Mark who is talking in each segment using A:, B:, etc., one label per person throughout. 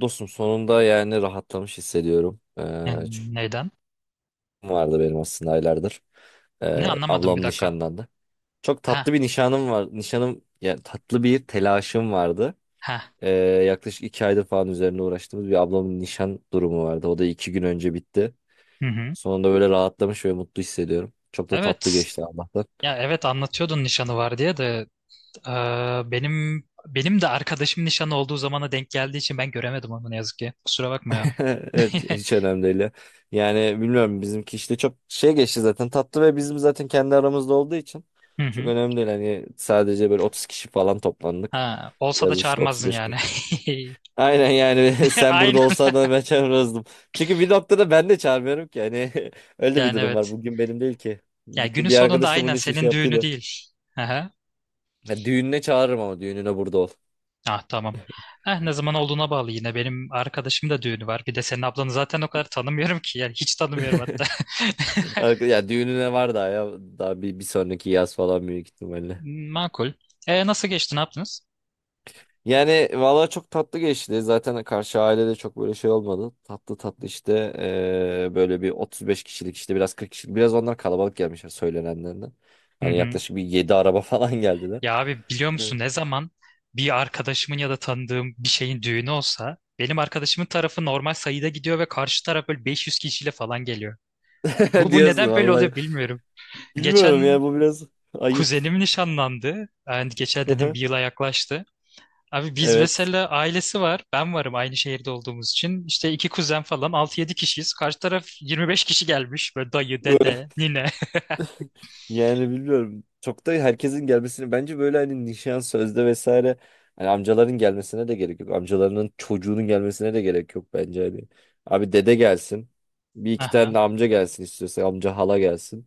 A: Dostum, sonunda yani rahatlamış hissediyorum. Çünkü
B: Ne- Neden?
A: vardı benim aslında aylardır.
B: Ne
A: Ee,
B: anlamadım bir
A: ablam
B: dakika.
A: nişanlandı. Çok
B: Ha
A: tatlı bir nişanım var. Nişanım yani tatlı bir telaşım vardı.
B: ha.
A: Ee, yaklaşık iki aydır falan üzerine uğraştığımız bir ablamın nişan durumu vardı. O da iki gün önce bitti.
B: Hı hı.
A: Sonunda böyle rahatlamış ve mutlu hissediyorum. Çok da
B: Evet.
A: tatlı geçti Allah'tan.
B: Ya evet anlatıyordun nişanı var diye de e, benim de arkadaşım nişanı olduğu zamana denk geldiği için ben göremedim onu ne yazık ki. Kusura bakma ya.
A: Evet, hiç önemli değil, ya. Yani bilmiyorum, bizimki işte çok şey geçti zaten, tatlı ve bizim zaten kendi aramızda olduğu için
B: Hı
A: çok
B: hı.
A: önemli değil. Hani sadece böyle 30 kişi falan toplandık.
B: Ha, olsa da
A: Biraz işte
B: çağırmazdın yani.
A: 35-40. Aynen yani, sen burada
B: Aynen.
A: olsan da ben çağırırdım. Çünkü bir noktada ben de çağırmıyorum ki. Hani öyle bir
B: Yani
A: durum var.
B: evet.
A: Bugün benim değil ki.
B: Ya
A: Bir,
B: günün
A: bir
B: sonunda
A: arkadaşım bunun
B: aynen
A: için şey
B: senin düğünü
A: yaptıydı.
B: değil. Aha.
A: Ya düğününe çağırırım ama düğününe burada ol.
B: Ah, tamam. Eh, ne zaman olduğuna bağlı yine. Benim arkadaşım da düğünü var. Bir de senin ablanı zaten o kadar tanımıyorum ki. Yani hiç tanımıyorum hatta.
A: Ya düğününe var daha ya. Daha bir sonraki yaz falan büyük ihtimalle.
B: Makul. Nasıl geçti? Ne yaptınız?
A: Yani valla çok tatlı geçti. Zaten karşı ailede çok böyle şey olmadı. Tatlı tatlı işte, böyle bir 35 kişilik, işte biraz 40 kişilik. Biraz onlar kalabalık gelmişler söylenenlerden.
B: Hı
A: Hani
B: hı.
A: yaklaşık bir 7 araba falan geldiler.
B: Ya abi biliyor
A: Evet.
B: musun, ne zaman bir arkadaşımın ya da tanıdığım bir şeyin düğünü olsa benim arkadaşımın tarafı normal sayıda gidiyor ve karşı taraf böyle 500 kişiyle falan geliyor. Bu, bu
A: Diyorsun
B: neden böyle
A: vallahi.
B: oluyor bilmiyorum.
A: Bilmiyorum ya,
B: Geçen
A: bu biraz ayıp.
B: kuzenim nişanlandı. Yani geçen dedim, bir yıla yaklaştı. Abi biz
A: Evet.
B: mesela ailesi var. Ben varım, aynı şehirde olduğumuz için. İşte iki kuzen falan altı yedi kişiyiz. Karşı taraf 25 kişi gelmiş. Böyle dayı, dede, nine.
A: Yani bilmiyorum. Çok da herkesin gelmesini bence böyle, hani nişan sözde vesaire, hani amcaların gelmesine de gerek yok. Amcalarının çocuğunun gelmesine de gerek yok bence hani. Abi dede gelsin. Bir iki tane de
B: Aha.
A: amca gelsin, istiyorsa amca hala gelsin.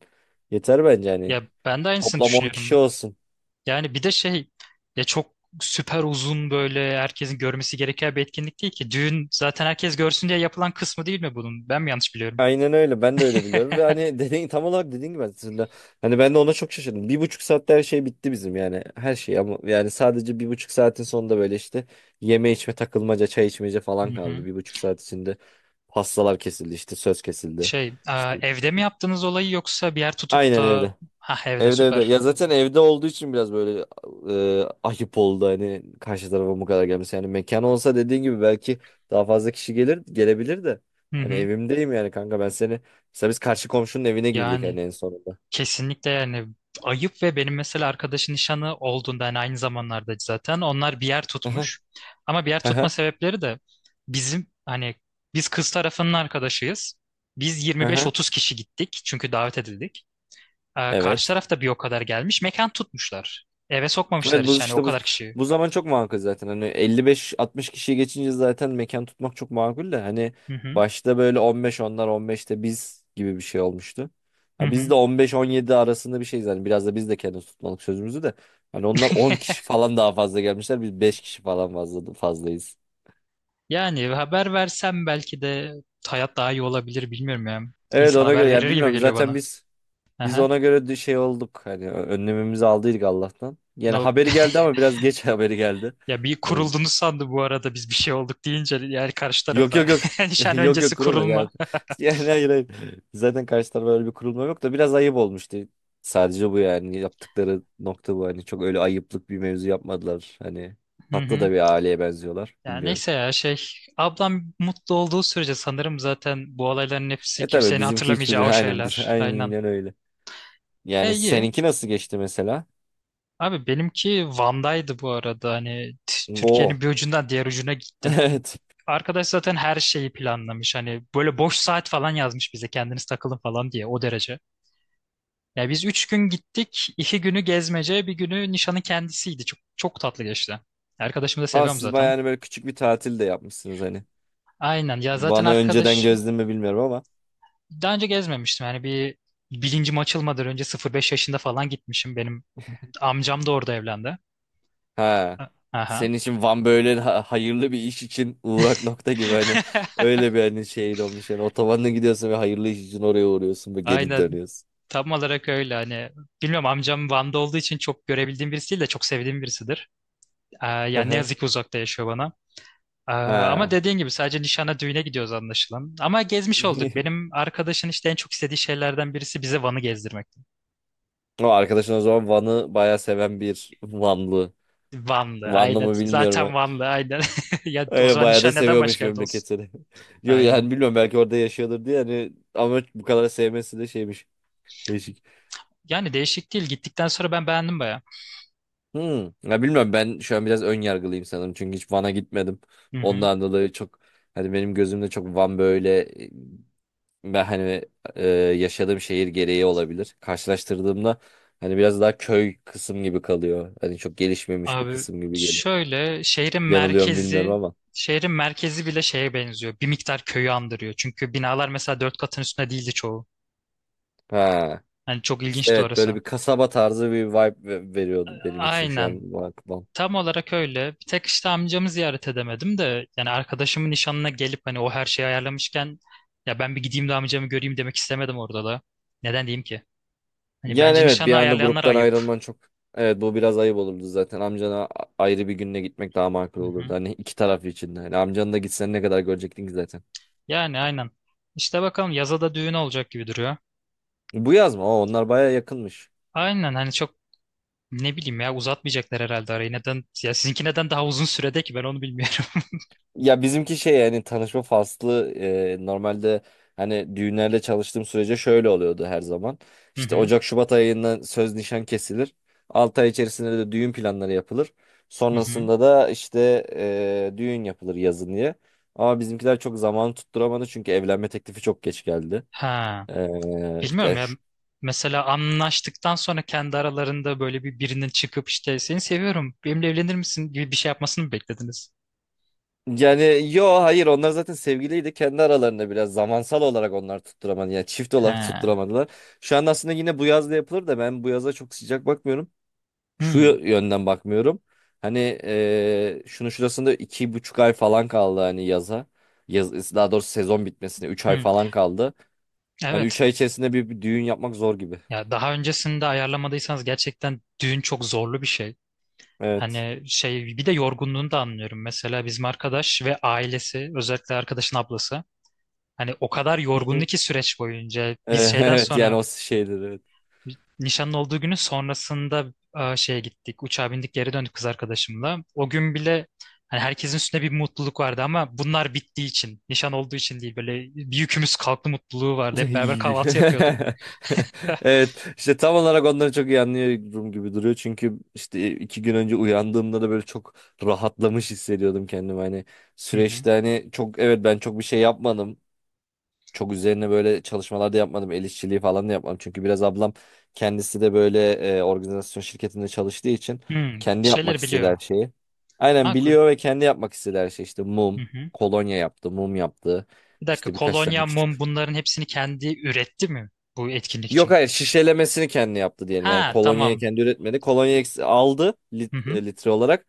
A: Yeter bence hani.
B: Ya ben de aynısını
A: Toplam 10 kişi
B: düşünüyorum.
A: olsun.
B: Yani bir de şey, ya çok süper uzun böyle herkesin görmesi gereken bir etkinlik değil ki. Düğün zaten herkes görsün diye yapılan kısmı değil mi bunun? Ben mi yanlış biliyorum?
A: Aynen öyle. Ben de öyle biliyorum. Ve hani, dediğin, tam olarak dediğin gibi aslında. Hani ben de ona çok şaşırdım. Bir buçuk saatte her şey bitti bizim yani. Her şey, ama yani sadece bir buçuk saatin sonunda böyle işte yeme içme takılmaca çay içmece
B: Hı
A: falan
B: hı.
A: kaldı. Bir buçuk saat içinde pastalar kesildi, işte söz kesildi.
B: Şey,
A: İşte
B: evde mi yaptınız olayı yoksa bir yer tutup
A: aynen
B: da?
A: evde.
B: Ha, evde,
A: Evde, evde.
B: süper.
A: Ya zaten evde olduğu için biraz böyle ayıp oldu, hani karşı tarafa bu kadar gelmesi. Yani mekan olsa, dediğin gibi belki daha fazla kişi gelir, gelebilir de.
B: Hı
A: Hani
B: hı.
A: evimdeyim yani, kanka ben seni. Mesela biz karşı komşunun evine girdik
B: Yani
A: hani en sonunda.
B: kesinlikle yani ayıp. Ve benim mesela arkadaşın nişanı olduğunda yani aynı zamanlarda zaten onlar bir yer
A: Aha,
B: tutmuş. Ama bir yer tutma
A: aha,
B: sebepleri de bizim hani, biz kız tarafının arkadaşıyız. Biz
A: aha.
B: 25-30 kişi gittik çünkü davet edildik. Karşı
A: Evet.
B: taraf da bir o kadar gelmiş. Mekan tutmuşlar. Eve sokmamışlar
A: Evet, bu
B: hiç yani, o
A: işte bu
B: kadar kişi.
A: bu zaman çok makul zaten. Hani 55-60 kişiyi geçince zaten mekan tutmak çok makul de hani,
B: Hı hı.
A: başta böyle 15 onlar 15'te biz gibi bir şey olmuştu.
B: Hı
A: Ha, biz
B: hı.
A: de 15-17 arasında bir şeyiz hani, biraz da biz de kendimiz tutmalık sözümüzü de. Hani onlar 10 kişi falan daha fazla gelmişler. Biz 5 kişi falan fazla fazlayız.
B: Yani haber versem belki de hayat daha iyi olabilir, bilmiyorum ya.
A: Evet,
B: İnsan
A: ona
B: haber
A: göre ya,
B: verir gibi
A: bilmiyorum,
B: geliyor
A: zaten
B: bana.
A: biz
B: Aha.
A: ona göre de şey olduk. Hani önlemimizi aldıydık Allah'tan. Yani
B: No.
A: haberi geldi ama biraz geç haberi geldi.
B: Ya bir
A: Yani
B: kurulduğunu sandı bu arada biz bir şey olduk deyince, yani karşı
A: yok
B: tarafa.
A: yok yok.
B: Nişan
A: Yok yok,
B: öncesi
A: kurulma
B: kurulma.
A: ya. Yani hayır hayır. Zaten karşı tarafa öyle bir kurulma yok da biraz ayıp olmuştu. Sadece bu yani, yaptıkları nokta bu. Hani çok öyle ayıplık bir mevzu yapmadılar. Hani
B: Hı
A: tatlı
B: hı.
A: da bir aileye benziyorlar.
B: Ya
A: Bilmiyorum.
B: neyse ya şey, ablam mutlu olduğu sürece sanırım zaten bu olayların hepsi
A: E tabii,
B: kimsenin
A: bizimki
B: hatırlamayacağı o
A: hiçbiri, aynen biz
B: şeyler. Aynen.
A: aynen öyle. Yani
B: İyi.
A: seninki nasıl geçti mesela?
B: Abi benimki Van'daydı bu arada. Hani
A: Go.
B: Türkiye'nin bir ucundan diğer ucuna gittim.
A: Evet.
B: Arkadaş zaten her şeyi planlamış. Hani böyle boş saat falan yazmış bize, kendiniz takılın falan diye, o derece. Ya biz 3 gün gittik. 2 günü gezmece, 1 günü nişanı kendisiydi. Çok, çok tatlı geçti. Arkadaşımı da
A: Ama
B: seviyorum
A: siz
B: zaten.
A: bayağı hani böyle küçük bir tatil de yapmışsınız hani.
B: Aynen ya, zaten
A: Bana önceden
B: arkadaş
A: gözlemi bilmiyorum ama.
B: daha önce gezmemiştim. Yani bir bilincim açılmadan önce sıfır beş yaşında falan gitmişim. Benim amcam da orada evlendi.
A: Ha.
B: A- Aha.
A: Senin için Van böyle hayırlı bir iş için uğrak nokta gibi hani, öyle bir hani şeyin olmuş yani, otobanla gidiyorsun ve hayırlı iş için oraya uğruyorsun ve geri
B: Aynen.
A: dönüyorsun.
B: Tam olarak öyle hani, bilmiyorum, amcam Van'da olduğu için çok görebildiğim birisi değil de, çok sevdiğim birisidir. Yani ne yazık ki uzakta yaşıyor bana. Ama
A: Ha.
B: dediğin gibi sadece nişana, düğüne gidiyoruz anlaşılan. Ama gezmiş olduk. Benim arkadaşın işte en çok istediği şeylerden birisi bize Van'ı gezdirmekti.
A: O arkadaşın o zaman Van'ı bayağı seven bir Vanlı.
B: Vanlı,
A: Vanlı
B: aynen.
A: mı bilmiyorum
B: Zaten
A: ha.
B: Vanlı, aynen. Ya o
A: Öyle
B: zaman
A: bayağı da
B: nişan neden
A: seviyormuş
B: başka yerde olsun?
A: memleketini. Yok
B: Aynen.
A: yani, bilmiyorum, belki orada yaşıyordur diye hani, ama bu kadar sevmesi de şeymiş. Değişik.
B: Yani değişik değil. Gittikten sonra ben beğendim baya.
A: Hmm. Ya bilmiyorum, ben şu an biraz ön yargılıyım sanırım. Çünkü hiç Van'a gitmedim.
B: Hı hı.
A: Ondan dolayı çok, hani benim gözümde çok Van böyle, e, ben hani, yaşadığım şehir gereği olabilir. Karşılaştırdığımda hani biraz daha köy kısım gibi kalıyor. Hani çok gelişmemiş bir
B: Abi
A: kısım gibi geliyor.
B: şöyle, şehrin
A: Yanılıyorum bilmiyorum
B: merkezi
A: ama.
B: şehrin merkezi bile şeye benziyor. Bir miktar köyü andırıyor. Çünkü binalar mesela 4 katın üstünde değildi çoğu.
A: Ha.
B: Yani çok
A: İşte
B: ilginçti
A: evet, böyle
B: orası.
A: bir kasaba tarzı bir vibe veriyordu benim için şu
B: Aynen.
A: an Van.
B: Tam olarak öyle. Bir tek işte amcamı ziyaret edemedim de, yani arkadaşımın nişanına gelip hani o her şeyi ayarlamışken ya ben bir gideyim de amcamı göreyim demek istemedim orada da. Neden diyeyim ki? Hani
A: Yani
B: bence
A: evet, bir
B: nişanı
A: anda
B: ayarlayanlar
A: gruptan
B: ayıp.
A: ayrılman çok, evet bu biraz ayıp olurdu zaten. Amcana ayrı bir günle gitmek daha makul
B: Hı hı.
A: olurdu. Hani iki taraf için de. Hani amcanı da gitsen ne kadar görecektin ki zaten.
B: Yani aynen. İşte bakalım yaza da düğün olacak gibi duruyor.
A: Bu yaz mı? Aa, onlar baya yakınmış.
B: Aynen, hani çok, ne bileyim ya, uzatmayacaklar herhalde arayı. Neden? Ya sizinki neden daha uzun sürede ki, ben onu bilmiyorum.
A: Ya bizimki şey yani, tanışma faslı, normalde hani düğünlerde çalıştığım sürece şöyle oluyordu her zaman.
B: Hı
A: İşte
B: hı.
A: Ocak Şubat ayından söz nişan kesilir. 6 ay içerisinde de düğün planları yapılır.
B: Hı hı.
A: Sonrasında da işte düğün yapılır yazın diye. Ama bizimkiler çok zaman tutturamadı çünkü evlenme teklifi çok geç geldi.
B: Ha.
A: E,
B: Bilmiyorum
A: yani
B: ya, mesela anlaştıktan sonra kendi aralarında böyle bir birinin çıkıp işte seni seviyorum, benimle evlenir misin gibi bir şey yapmasını mı beklediniz?
A: Yani yo hayır, onlar zaten sevgiliydi. Kendi aralarında biraz zamansal olarak onlar tutturamadı. Yani çift olarak
B: He.
A: tutturamadılar. Şu an aslında yine bu yaz da yapılır da, ben bu yaza çok sıcak bakmıyorum. Şu
B: Hmm.
A: yönden bakmıyorum. Hani şunu şurasında iki buçuk ay falan kaldı hani yaza. Yaz, daha doğrusu sezon bitmesine üç ay
B: Hmm.
A: falan kaldı. Hani üç
B: Evet.
A: ay içerisinde bir düğün yapmak zor gibi.
B: Ya daha öncesinde ayarlamadıysanız gerçekten düğün çok zorlu bir şey.
A: Evet.
B: Hani şey, bir de yorgunluğunu da anlıyorum. Mesela bizim arkadaş ve ailesi, özellikle arkadaşın ablası, hani o kadar yorgundu
A: Hı.
B: ki süreç boyunca, biz şeyden
A: Evet yani
B: sonra,
A: o şeyleri.
B: nişanın olduğu günün sonrasında şeye gittik. Uçağa bindik, geri döndük kız arkadaşımla. O gün bile hani herkesin üstünde bir mutluluk vardı ama bunlar bittiği için, nişan olduğu için değil, böyle bir yükümüz kalktı mutluluğu vardı. Hep beraber kahvaltı yapıyorduk.
A: Evet işte, tam olarak onları çok iyi anlıyorum gibi duruyor çünkü işte iki gün önce uyandığımda da böyle çok rahatlamış hissediyordum kendimi, hani
B: Hı hı.
A: süreçte hani çok, evet ben çok bir şey yapmadım, çok üzerine böyle çalışmalar da yapmadım, el işçiliği falan da yapmadım çünkü biraz ablam kendisi de böyle organizasyon şirketinde çalıştığı için
B: Hmm, bir
A: kendi yapmak
B: şeyler
A: istediği
B: biliyor.
A: her şeyi aynen
B: Makul.
A: biliyor ve kendi yapmak istediği her şey işte
B: Hı
A: mum,
B: hı.
A: kolonya yaptı, mum yaptı,
B: Bir dakika.
A: işte birkaç tane
B: Kolonya, mum,
A: küçük.
B: bunların hepsini kendi üretti mi bu etkinlik
A: Yok
B: için?
A: hayır, şişelemesini kendi yaptı diyelim.
B: Ha,
A: Yani kolonyayı
B: tamam.
A: kendi üretmedi. Kolonyayı aldı,
B: Hı hı.
A: litre olarak.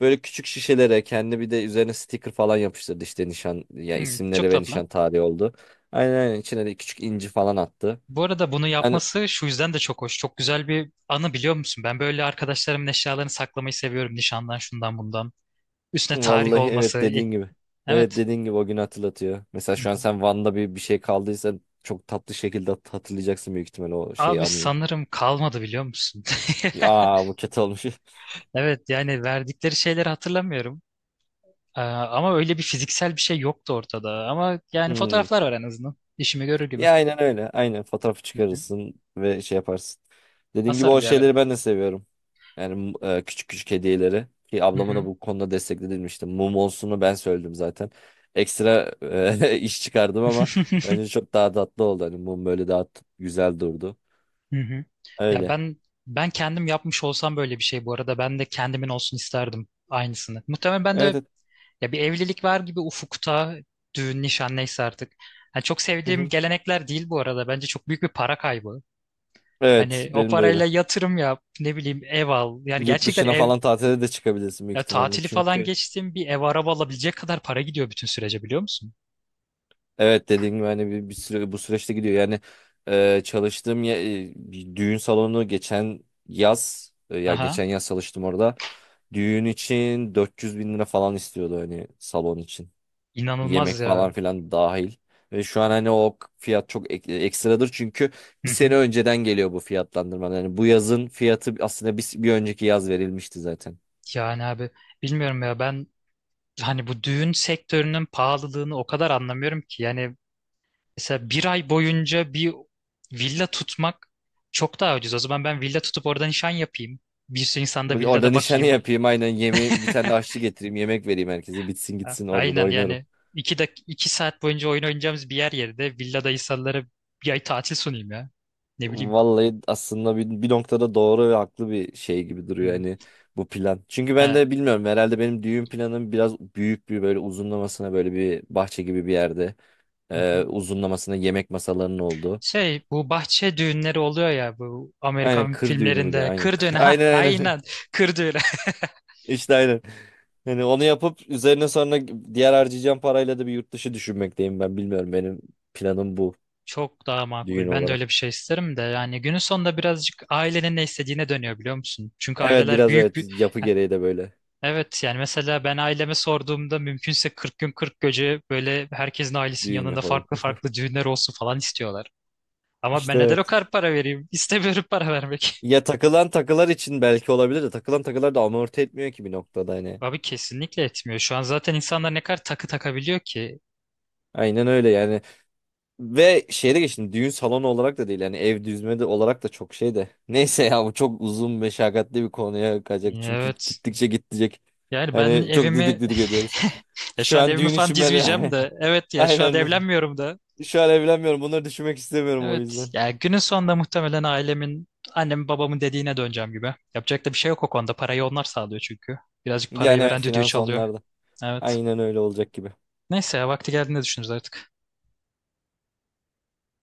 A: Böyle küçük şişelere kendi, bir de üzerine sticker falan yapıştırdı, işte nişan ya,
B: Hmm, çok
A: isimleri ve
B: tatlı.
A: nişan tarihi oldu. Aynen aynen, içine de küçük inci falan attı.
B: Bu arada bunu
A: Hani
B: yapması şu yüzden de çok hoş. Çok güzel bir anı, biliyor musun? Ben böyle arkadaşlarımın eşyalarını saklamayı seviyorum. Nişandan, şundan, bundan. Üstüne tarih
A: vallahi
B: olması.
A: evet, dediğin gibi. Evet,
B: Evet.
A: dediğin gibi o günü hatırlatıyor. Mesela
B: Hı
A: şu an
B: hı.
A: sen Van'da bir şey kaldıysa çok tatlı şekilde hatırlayacaksın büyük ihtimalle o şeyi,
B: Abi
A: anıyı.
B: sanırım kalmadı, biliyor musun?
A: Aa, bu kötü olmuş.
B: Evet yani verdikleri şeyleri hatırlamıyorum. Ama öyle bir fiziksel bir şey yoktu ortada. Ama yani
A: Hmm.
B: fotoğraflar var en azından. İşimi görür gibi.
A: Ya aynen öyle. Aynen fotoğrafı
B: Hı hı.
A: çıkarırsın ve şey yaparsın. Dediğim gibi o
B: Asarım bir yerlere.
A: şeyleri ben de seviyorum. Yani küçük küçük hediyeleri. Ki
B: Hı
A: ablama da
B: hı.
A: bu konuda destekledilmişti. Mum olsunu ben söyledim zaten. Ekstra iş çıkardım ama bence çok daha tatlı oldu. Hani mum böyle daha güzel durdu.
B: Hı hı. Ya
A: Öyle.
B: ben kendim yapmış olsam böyle bir şey, bu arada ben de kendimin olsun isterdim aynısını. Muhtemelen ben
A: Evet.
B: de,
A: Evet.
B: ya, bir evlilik var gibi ufukta, düğün, nişan, neyse artık. Yani çok
A: Hı
B: sevdiğim
A: hı.
B: gelenekler değil bu arada. Bence çok büyük bir para kaybı.
A: Evet,
B: Hani o
A: benim de
B: parayla
A: öyle.
B: yatırım yap, ne bileyim, ev al. Yani
A: Yurt
B: gerçekten
A: dışına
B: ev,
A: falan tatile de çıkabilirsin büyük
B: ya
A: ihtimalle.
B: tatili falan
A: Çünkü.
B: geçtim, bir ev araba alabilecek kadar para gidiyor bütün sürece, biliyor musun?
A: Evet, dediğim gibi hani bir süre bu süreçte gidiyor. Yani çalıştığım bir düğün salonu geçen yaz, ya
B: Aha.
A: geçen yaz çalıştım orada. Düğün için 400 bin lira falan istiyordu hani salon için.
B: İnanılmaz
A: Yemek falan
B: ya.
A: filan dahil. Ve şu an hani o fiyat çok ekstradır çünkü
B: Hı
A: bir sene
B: hı.
A: önceden geliyor bu fiyatlandırma. Yani bu yazın fiyatı aslında bir önceki yaz verilmişti zaten.
B: Yani abi bilmiyorum ya ben, hani bu düğün sektörünün pahalılığını o kadar anlamıyorum ki. Yani mesela 1 ay boyunca bir villa tutmak çok daha ucuz. O zaman ben villa tutup orada nişan yapayım. Bir sürü insanda
A: Orada
B: villada
A: nişanı
B: bakayım.
A: yapayım aynen, yemeği bir tane de aşçı getireyim, yemek vereyim herkese, bitsin gitsin, orada da
B: Aynen
A: oynarım.
B: yani, 2 saat boyunca oyun oynayacağımız bir yer yerine villada insanlara 1 ay tatil sunayım ya. Ne bileyim.
A: Vallahi aslında bir noktada doğru ve haklı bir şey gibi
B: Hı.
A: duruyor hani bu plan. Çünkü ben
B: Ha.
A: de bilmiyorum, herhalde benim düğün planım biraz büyük, bir böyle uzunlamasına, böyle bir bahçe gibi bir yerde,
B: Hı hı.
A: uzunlamasına yemek masalarının olduğu.
B: Şey, bu bahçe düğünleri oluyor ya, bu
A: Aynen,
B: Amerikan
A: kır düğünü müydü?
B: filmlerinde
A: Aynen.
B: kır düğünü. Ha,
A: Aynen aynen.
B: aynen, kır düğünü.
A: İşte aynen. Hani onu yapıp üzerine sonra diğer harcayacağım parayla da bir yurt dışı düşünmekteyim ben, bilmiyorum benim planım bu,
B: Çok daha
A: düğün
B: makul. Ben de
A: olarak.
B: öyle bir şey isterim de, yani günün sonunda birazcık ailenin ne istediğine dönüyor, biliyor musun? Çünkü
A: Evet
B: aileler
A: biraz,
B: büyük
A: evet
B: bir...
A: yapı
B: Ha,
A: gereği de böyle
B: evet yani mesela ben aileme sorduğumda mümkünse 40 gün 40 gece böyle herkesin ailesinin
A: düğün
B: yanında
A: yapalım.
B: farklı farklı düğünler olsun falan istiyorlar. Ama ben
A: İşte
B: neden o
A: evet.
B: kadar para vereyim? İstemiyorum para vermek.
A: Ya takılan takılar için belki olabilir de, takılan takılar da amorti etmiyor ki bir noktada hani.
B: Abi kesinlikle etmiyor. Şu an zaten insanlar ne kadar takı takabiliyor ki.
A: Aynen öyle yani. Ve şeyde geçtim, düğün salonu olarak da değil yani, ev düzme de olarak da çok şey de. Neyse ya, bu çok uzun meşakkatli bir konuya kaçacak çünkü
B: Evet.
A: gittikçe gidecek.
B: Yani ben
A: Hani çok didik
B: evimi...
A: didik ediyoruz.
B: ya şu
A: Şu
B: an
A: an
B: evimi
A: düğün
B: falan
A: için ben,
B: dizmeyeceğim de. Evet ya şu an
A: aynen ben.
B: evlenmiyorum da.
A: Şu an evlenmiyorum, bunları düşünmek istemiyorum o
B: Evet.
A: yüzden.
B: Ya günün sonunda muhtemelen ailemin, annemin babamın dediğine döneceğim gibi. Yapacak da bir şey yok o konuda. Parayı onlar sağlıyor çünkü. Birazcık parayı
A: Yani evet,
B: veren düdüğü
A: finans
B: çalıyor.
A: onlarda.
B: Evet.
A: Aynen öyle olacak gibi.
B: Neyse ya, vakti geldiğinde düşünürüz artık.